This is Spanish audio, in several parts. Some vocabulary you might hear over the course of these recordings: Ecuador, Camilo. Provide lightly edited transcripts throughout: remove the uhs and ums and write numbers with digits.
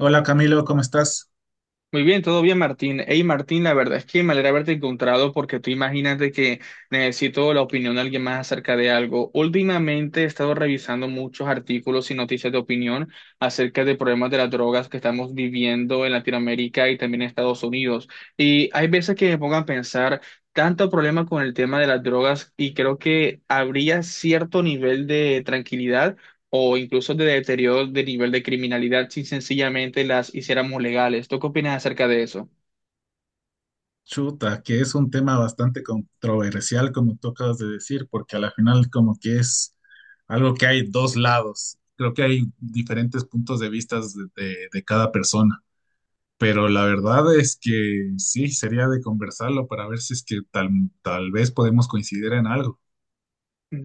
Hola Camilo, ¿cómo estás? Muy bien, todo bien, Martín. Hey, Martín, la verdad es que me alegra haberte encontrado porque tú imagínate que necesito la opinión de alguien más acerca de algo. Últimamente he estado revisando muchos artículos y noticias de opinión acerca de problemas de las drogas que estamos viviendo en Latinoamérica y también en Estados Unidos. Y hay veces que me pongo a pensar tanto problema con el tema de las drogas y creo que habría cierto nivel de tranquilidad o incluso de deterioro de nivel de criminalidad si sencillamente las hiciéramos legales. ¿Tú qué opinas acerca de eso? Chuta, que es un tema bastante controversial, como tú acabas de decir, porque a la final como que es algo que hay dos lados. Creo que hay diferentes puntos de vistas de cada persona, pero la verdad es que sí, sería de conversarlo para ver si es que tal vez podemos coincidir en algo. Mm.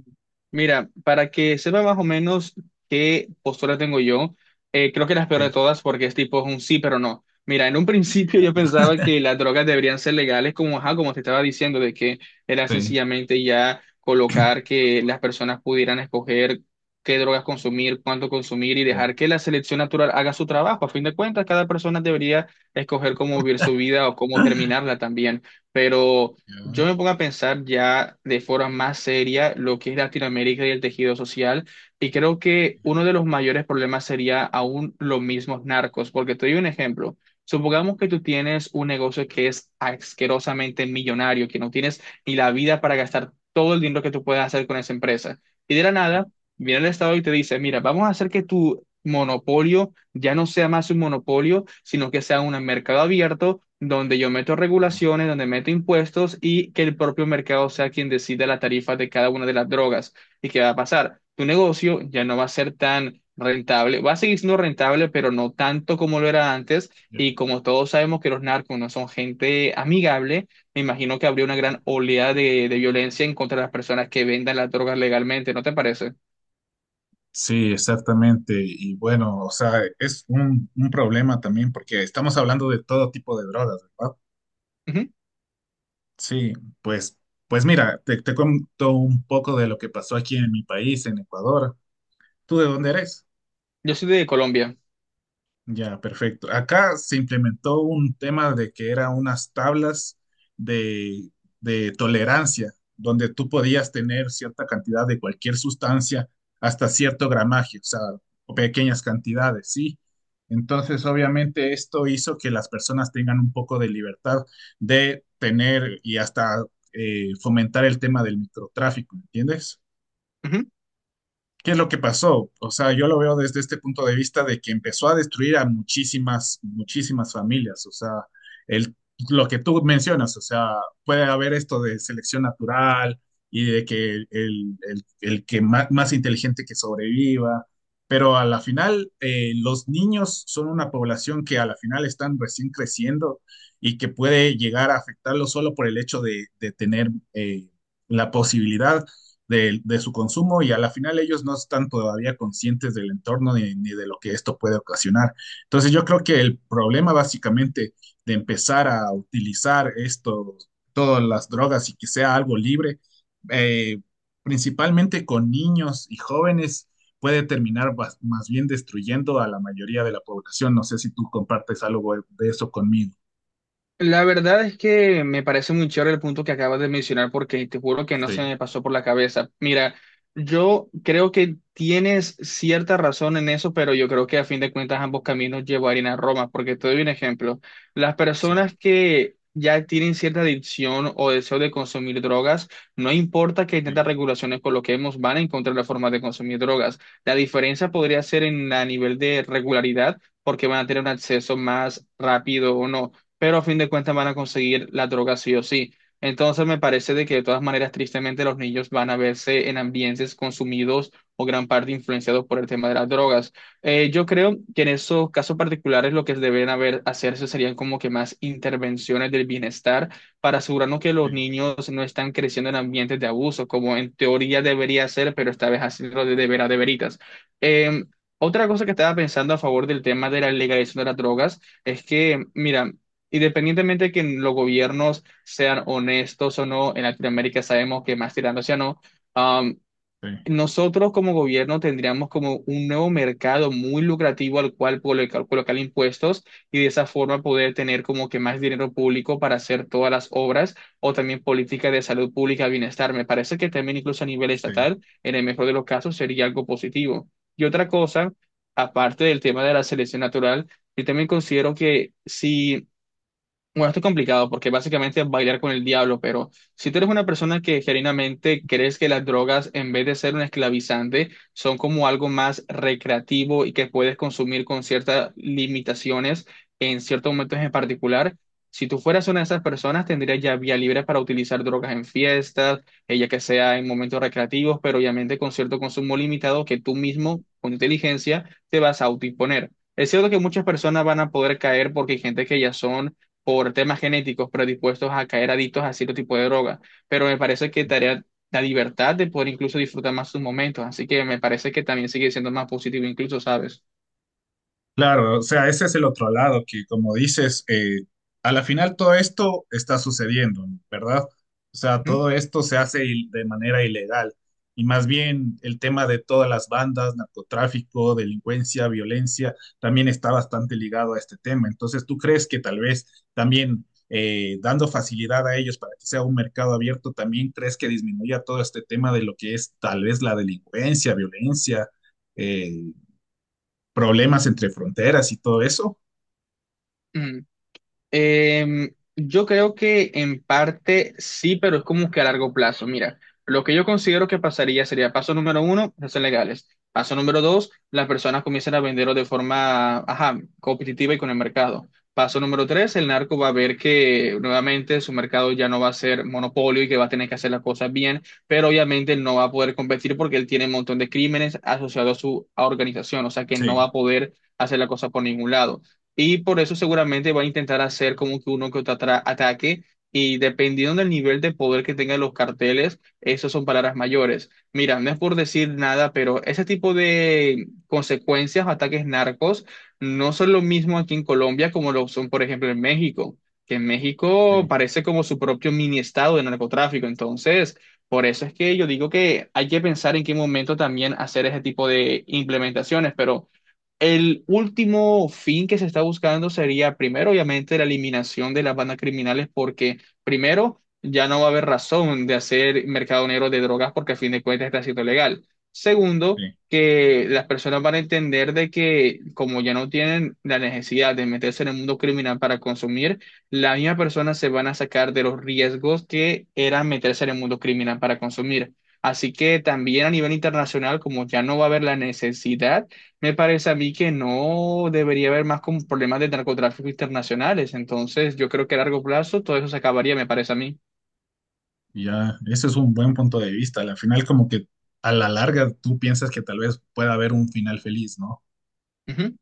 Mira, para que sepa más o menos qué postura tengo yo, creo que la peor Ok, de todas porque es tipo un sí, pero no. Mira, en un principio ya, yo pensaba que las drogas deberían ser legales, como, ajá, como te estaba diciendo, de que era sí, sencillamente ya colocar que las personas pudieran escoger qué drogas consumir, cuánto consumir y sí, dejar que la selección natural haga su trabajo. A fin de cuentas, cada persona debería escoger cómo vivir su vida o cómo terminarla también. Pero yo ya, me pongo a pensar ya de forma más seria lo que es Latinoamérica y el tejido social, y creo que uno de los mayores problemas sería aún los mismos narcos, porque te doy un ejemplo. Supongamos que tú tienes un negocio que es asquerosamente millonario, que no tienes ni la vida para gastar todo el dinero que tú puedes hacer con esa empresa. Y de la nada, viene el Estado y te dice, mira, vamos a hacer que tu monopolio ya no sea más un monopolio, sino que sea un mercado abierto donde yo meto regulaciones, donde meto impuestos y que el propio mercado sea quien decida la tarifa de cada una de las drogas. ¿Y qué va a pasar? Tu negocio ya no va a ser tan rentable, va a seguir siendo rentable, pero no tanto como lo era antes. Y como todos sabemos que los narcos no son gente amigable, me imagino que habría una gran oleada de, violencia en contra de las personas que vendan las drogas legalmente, ¿no te parece? sí, exactamente. Y bueno, o sea, es un problema también porque estamos hablando de todo tipo de drogas, ¿verdad? Ujú. Sí, pues, pues mira, te cuento un poco de lo que pasó aquí en mi país, en Ecuador. ¿Tú de dónde eres? Yo soy de Colombia. Ya, perfecto. Acá se implementó un tema de que eran unas tablas de, de tolerancia, donde tú podías tener cierta cantidad de cualquier sustancia hasta cierto gramaje, o sea, o pequeñas cantidades, ¿sí? Entonces, obviamente, esto hizo que las personas tengan un poco de libertad de tener y hasta fomentar el tema del microtráfico, ¿entiendes? Ujú. ¿Qué es lo que pasó? O sea, yo lo veo desde este punto de vista de que empezó a destruir a muchísimas, muchísimas familias. O sea, el, lo que tú mencionas, o sea, puede haber esto de selección natural y de que el que más inteligente que sobreviva, pero a la final los niños son una población que a la final están recién creciendo y que puede llegar a afectarlo solo por el hecho de tener la posibilidad su consumo y a la final ellos no están todavía conscientes del entorno ni, ni, de lo que esto puede ocasionar. Entonces yo creo que el problema básicamente de empezar a utilizar esto, todas las drogas y que sea algo libre, eh, principalmente con niños y jóvenes, puede terminar más bien destruyendo a la mayoría de la población. No sé si tú compartes algo de eso conmigo. La verdad es que me parece muy chévere el punto que acabas de mencionar porque te juro que no se Sí, me pasó por la cabeza. Mira, yo creo que tienes cierta razón en eso, pero yo creo que a fin de cuentas ambos caminos llevarían a Roma, porque te doy un ejemplo. Las sí, personas que ya tienen cierta adicción o deseo de consumir drogas, no importa que tantas sí, regulaciones coloquemos, van a encontrar la forma de consumir drogas. La diferencia podría ser en a nivel de regularidad, porque van a tener un acceso más rápido o no, pero a fin de cuentas van a conseguir la droga sí o sí. Entonces me parece de que de todas maneras, tristemente, los niños van a verse en ambientes consumidos o gran parte influenciados por el tema de las drogas. Yo creo que en esos casos particulares lo que deben haber, hacerse serían como que más intervenciones del bienestar para asegurarnos que sí, los niños no están creciendo en ambientes de abuso, como en teoría debería ser, pero esta vez hacerlo de, veras, de veritas. Em, otra cosa que estaba pensando a favor del tema de la legalización de las drogas es que, mira, independientemente de que los gobiernos sean honestos o no, en Latinoamérica sabemos que más tirando hacia no, am, sí. nosotros como gobierno tendríamos como un nuevo mercado muy lucrativo al cual colocar impuestos y de esa forma poder tener como que más dinero público para hacer todas las obras o también políticas de salud pública, bienestar. Me parece que también incluso a nivel Sí. estatal, en el mejor de los casos, sería algo positivo. Y otra cosa, aparte del tema de la selección natural, yo también considero que si bueno, esto es complicado porque básicamente es bailar con el diablo, pero si tú eres una persona que genuinamente crees que las drogas, en vez de ser un esclavizante, son como algo más recreativo y que puedes consumir con ciertas limitaciones en ciertos momentos en particular, si tú fueras una de esas personas, tendrías ya vía libre para utilizar drogas en fiestas, ella que sea en momentos recreativos, pero obviamente con cierto consumo limitado que tú mismo, con inteligencia, te vas a autoimponer. Es cierto que muchas personas van a poder caer porque hay gente que ya son por temas genéticos predispuestos a caer adictos a cierto tipo de droga, pero me parece que tarea la libertad de poder incluso disfrutar más sus momentos, así que me parece que también sigue siendo más positivo incluso, ¿sabes? Claro, o sea, ese es el otro lado que, como dices, a la final todo esto está sucediendo, ¿verdad? O sea, Ujú. todo esto de manera ilegal. Y más bien el tema de todas las bandas, narcotráfico, delincuencia, violencia, también está bastante ligado a este tema. Entonces, ¿tú crees que tal vez también dando facilidad a ellos para que sea un mercado abierto, también crees que disminuya todo este tema de lo que es tal vez la delincuencia, violencia? eh, problemas entre fronteras y todo eso. Ujú. Yo creo que en parte sí, pero es como que a largo plazo. Mira, lo que yo considero que pasaría sería paso número uno, hacer legales. Paso número dos, las personas comienzan a venderlo de forma, ajá, competitiva y con el mercado. Paso número tres, el narco va a ver que nuevamente su mercado ya no va a ser monopolio y que va a tener que hacer las cosas bien, pero obviamente él no va a poder competir porque él tiene un montón de crímenes asociados a su organización, o sea que no va Sí, a poder hacer la cosa por ningún lado. Y por eso seguramente va a intentar hacer como que uno que otro ataque. Y dependiendo del nivel de poder que tengan los carteles, esas son palabras mayores. Mira, no es por decir nada, pero ese tipo de consecuencias, ataques narcos, no son lo mismo aquí en Colombia como lo son, por ejemplo, en México, que en México sí, parece como su propio mini estado de narcotráfico. Entonces, por eso es que yo digo que hay que pensar en qué momento también hacer ese tipo de implementaciones, pero... El último fin que se está buscando sería, primero, obviamente, la eliminación de las bandas criminales, porque primero, ya no va a haber razón de hacer mercado negro de drogas porque a fin de cuentas está siendo legal. Segundo, sí. que las personas van a entender de que como ya no tienen la necesidad de meterse en el mundo criminal para consumir, las mismas personas se van a sacar de los riesgos que era meterse en el mundo criminal para consumir. Así que también a nivel internacional, como ya no va a haber la necesidad, me parece a mí que no debería haber más como problemas de narcotráfico internacionales. Entonces, yo creo que a largo plazo todo eso se acabaría, me parece a mí. Y ya, ese es un buen punto de vista. Al final, como que a la larga tú piensas que tal vez pueda haber un final feliz, ¿no? Ujú.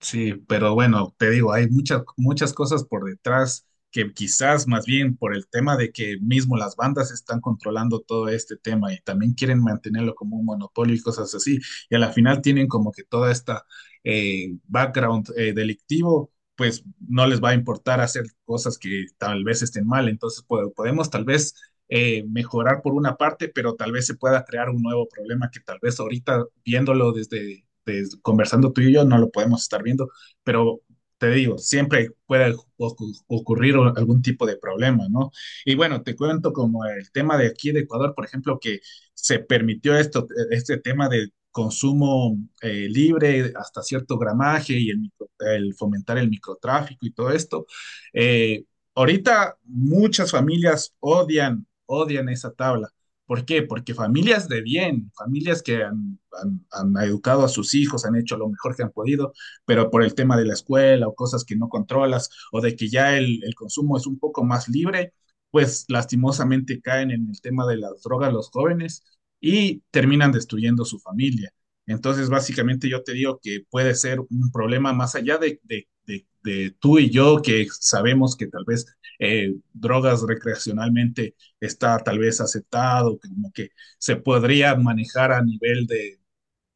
Sí, pero bueno, te digo, hay muchas, muchas cosas por detrás que quizás más bien por el tema de que mismo las bandas están controlando todo este tema y también quieren mantenerlo como un monopolio y cosas así. Y a la final tienen como que toda esta background delictivo, pues no les va a importar hacer cosas que tal vez estén mal. Entonces podemos tal vez mejorar por una parte, pero tal vez se pueda crear un nuevo problema que tal vez ahorita viéndolo desde pues, conversando tú y yo, no lo podemos estar viendo, pero te digo, siempre puede ocurrir algún tipo de problema, ¿no? Y bueno, te cuento como el tema de aquí de Ecuador, por ejemplo, que se permitió esto, este tema de consumo libre hasta cierto gramaje y fomentar el microtráfico y todo esto. Eh, ahorita muchas familias odian, odian esa tabla. ¿Por qué? Porque familias de bien, familias que han educado a sus hijos, han hecho lo mejor que han podido, pero por el tema de la escuela o cosas que no controlas o de que ya el consumo es un poco más libre, pues lastimosamente caen en el tema de las drogas los jóvenes y terminan destruyendo su familia. Entonces, básicamente yo te digo que puede ser un problema más allá de tú y yo que sabemos que tal vez drogas recreacionalmente está tal vez aceptado, que como que se podría manejar a nivel de,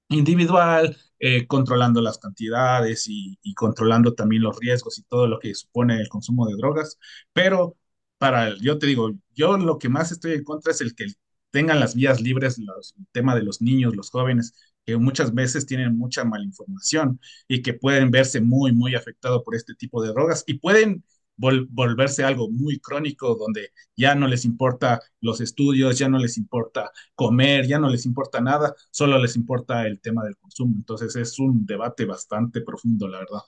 individual, controlando las cantidades y controlando también los riesgos y todo lo que supone el consumo de drogas. Pero para, yo te digo, yo lo que más estoy en contra es el que tengan las vías libres, el tema de los niños, los jóvenes, que muchas veces tienen mucha malinformación y que pueden verse muy, muy afectados por este tipo de drogas y pueden volverse algo muy crónico donde ya no les importa los estudios, ya no les importa comer, ya no les importa nada, solo les importa el tema del consumo. Entonces es un debate bastante profundo, la verdad.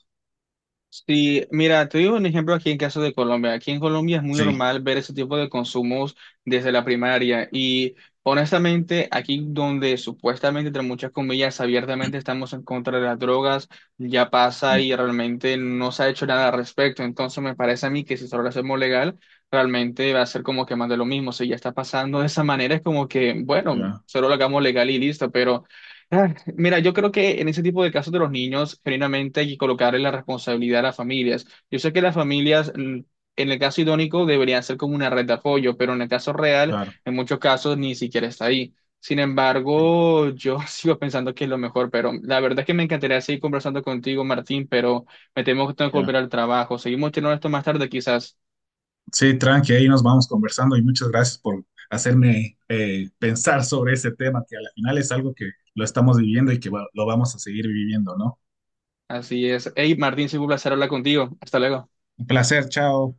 Sí, mira, te digo un ejemplo aquí en caso de Colombia. Aquí en Colombia es muy Sí, normal ver ese tipo de consumos desde la primaria y honestamente aquí donde supuestamente, entre muchas comillas, abiertamente estamos en contra de las drogas, ya pasa sí, y realmente no se ha hecho nada al respecto. Entonces me parece a mí que si solo lo hacemos legal, realmente va a ser como que más de lo mismo. Si ya está pasando de esa manera, es como que, bueno, ya, solo lo hagamos legal y listo, pero... Ah, mira, yo creo que en ese tipo de casos de los niños, genuinamente hay que colocarle la responsabilidad a las familias. Yo sé que las familias, en el caso idónico, deberían ser como una red de apoyo, pero en el caso real, claro, en muchos casos, ni siquiera está ahí. Sin sí, embargo, yo sigo pensando que es lo mejor, pero la verdad es que me encantaría seguir conversando contigo, Martín, pero me temo que tengo que volver ya. al trabajo. Seguimos teniendo esto más tarde, quizás. Sí, tranqui, ahí nos vamos conversando y muchas gracias por hacerme pensar sobre ese tema, que al final es algo que lo estamos viviendo y que lo vamos a seguir viviendo, ¿no? Así es. Hey, Martín, sido un placer hablar contigo. Hasta luego. Un placer, chao.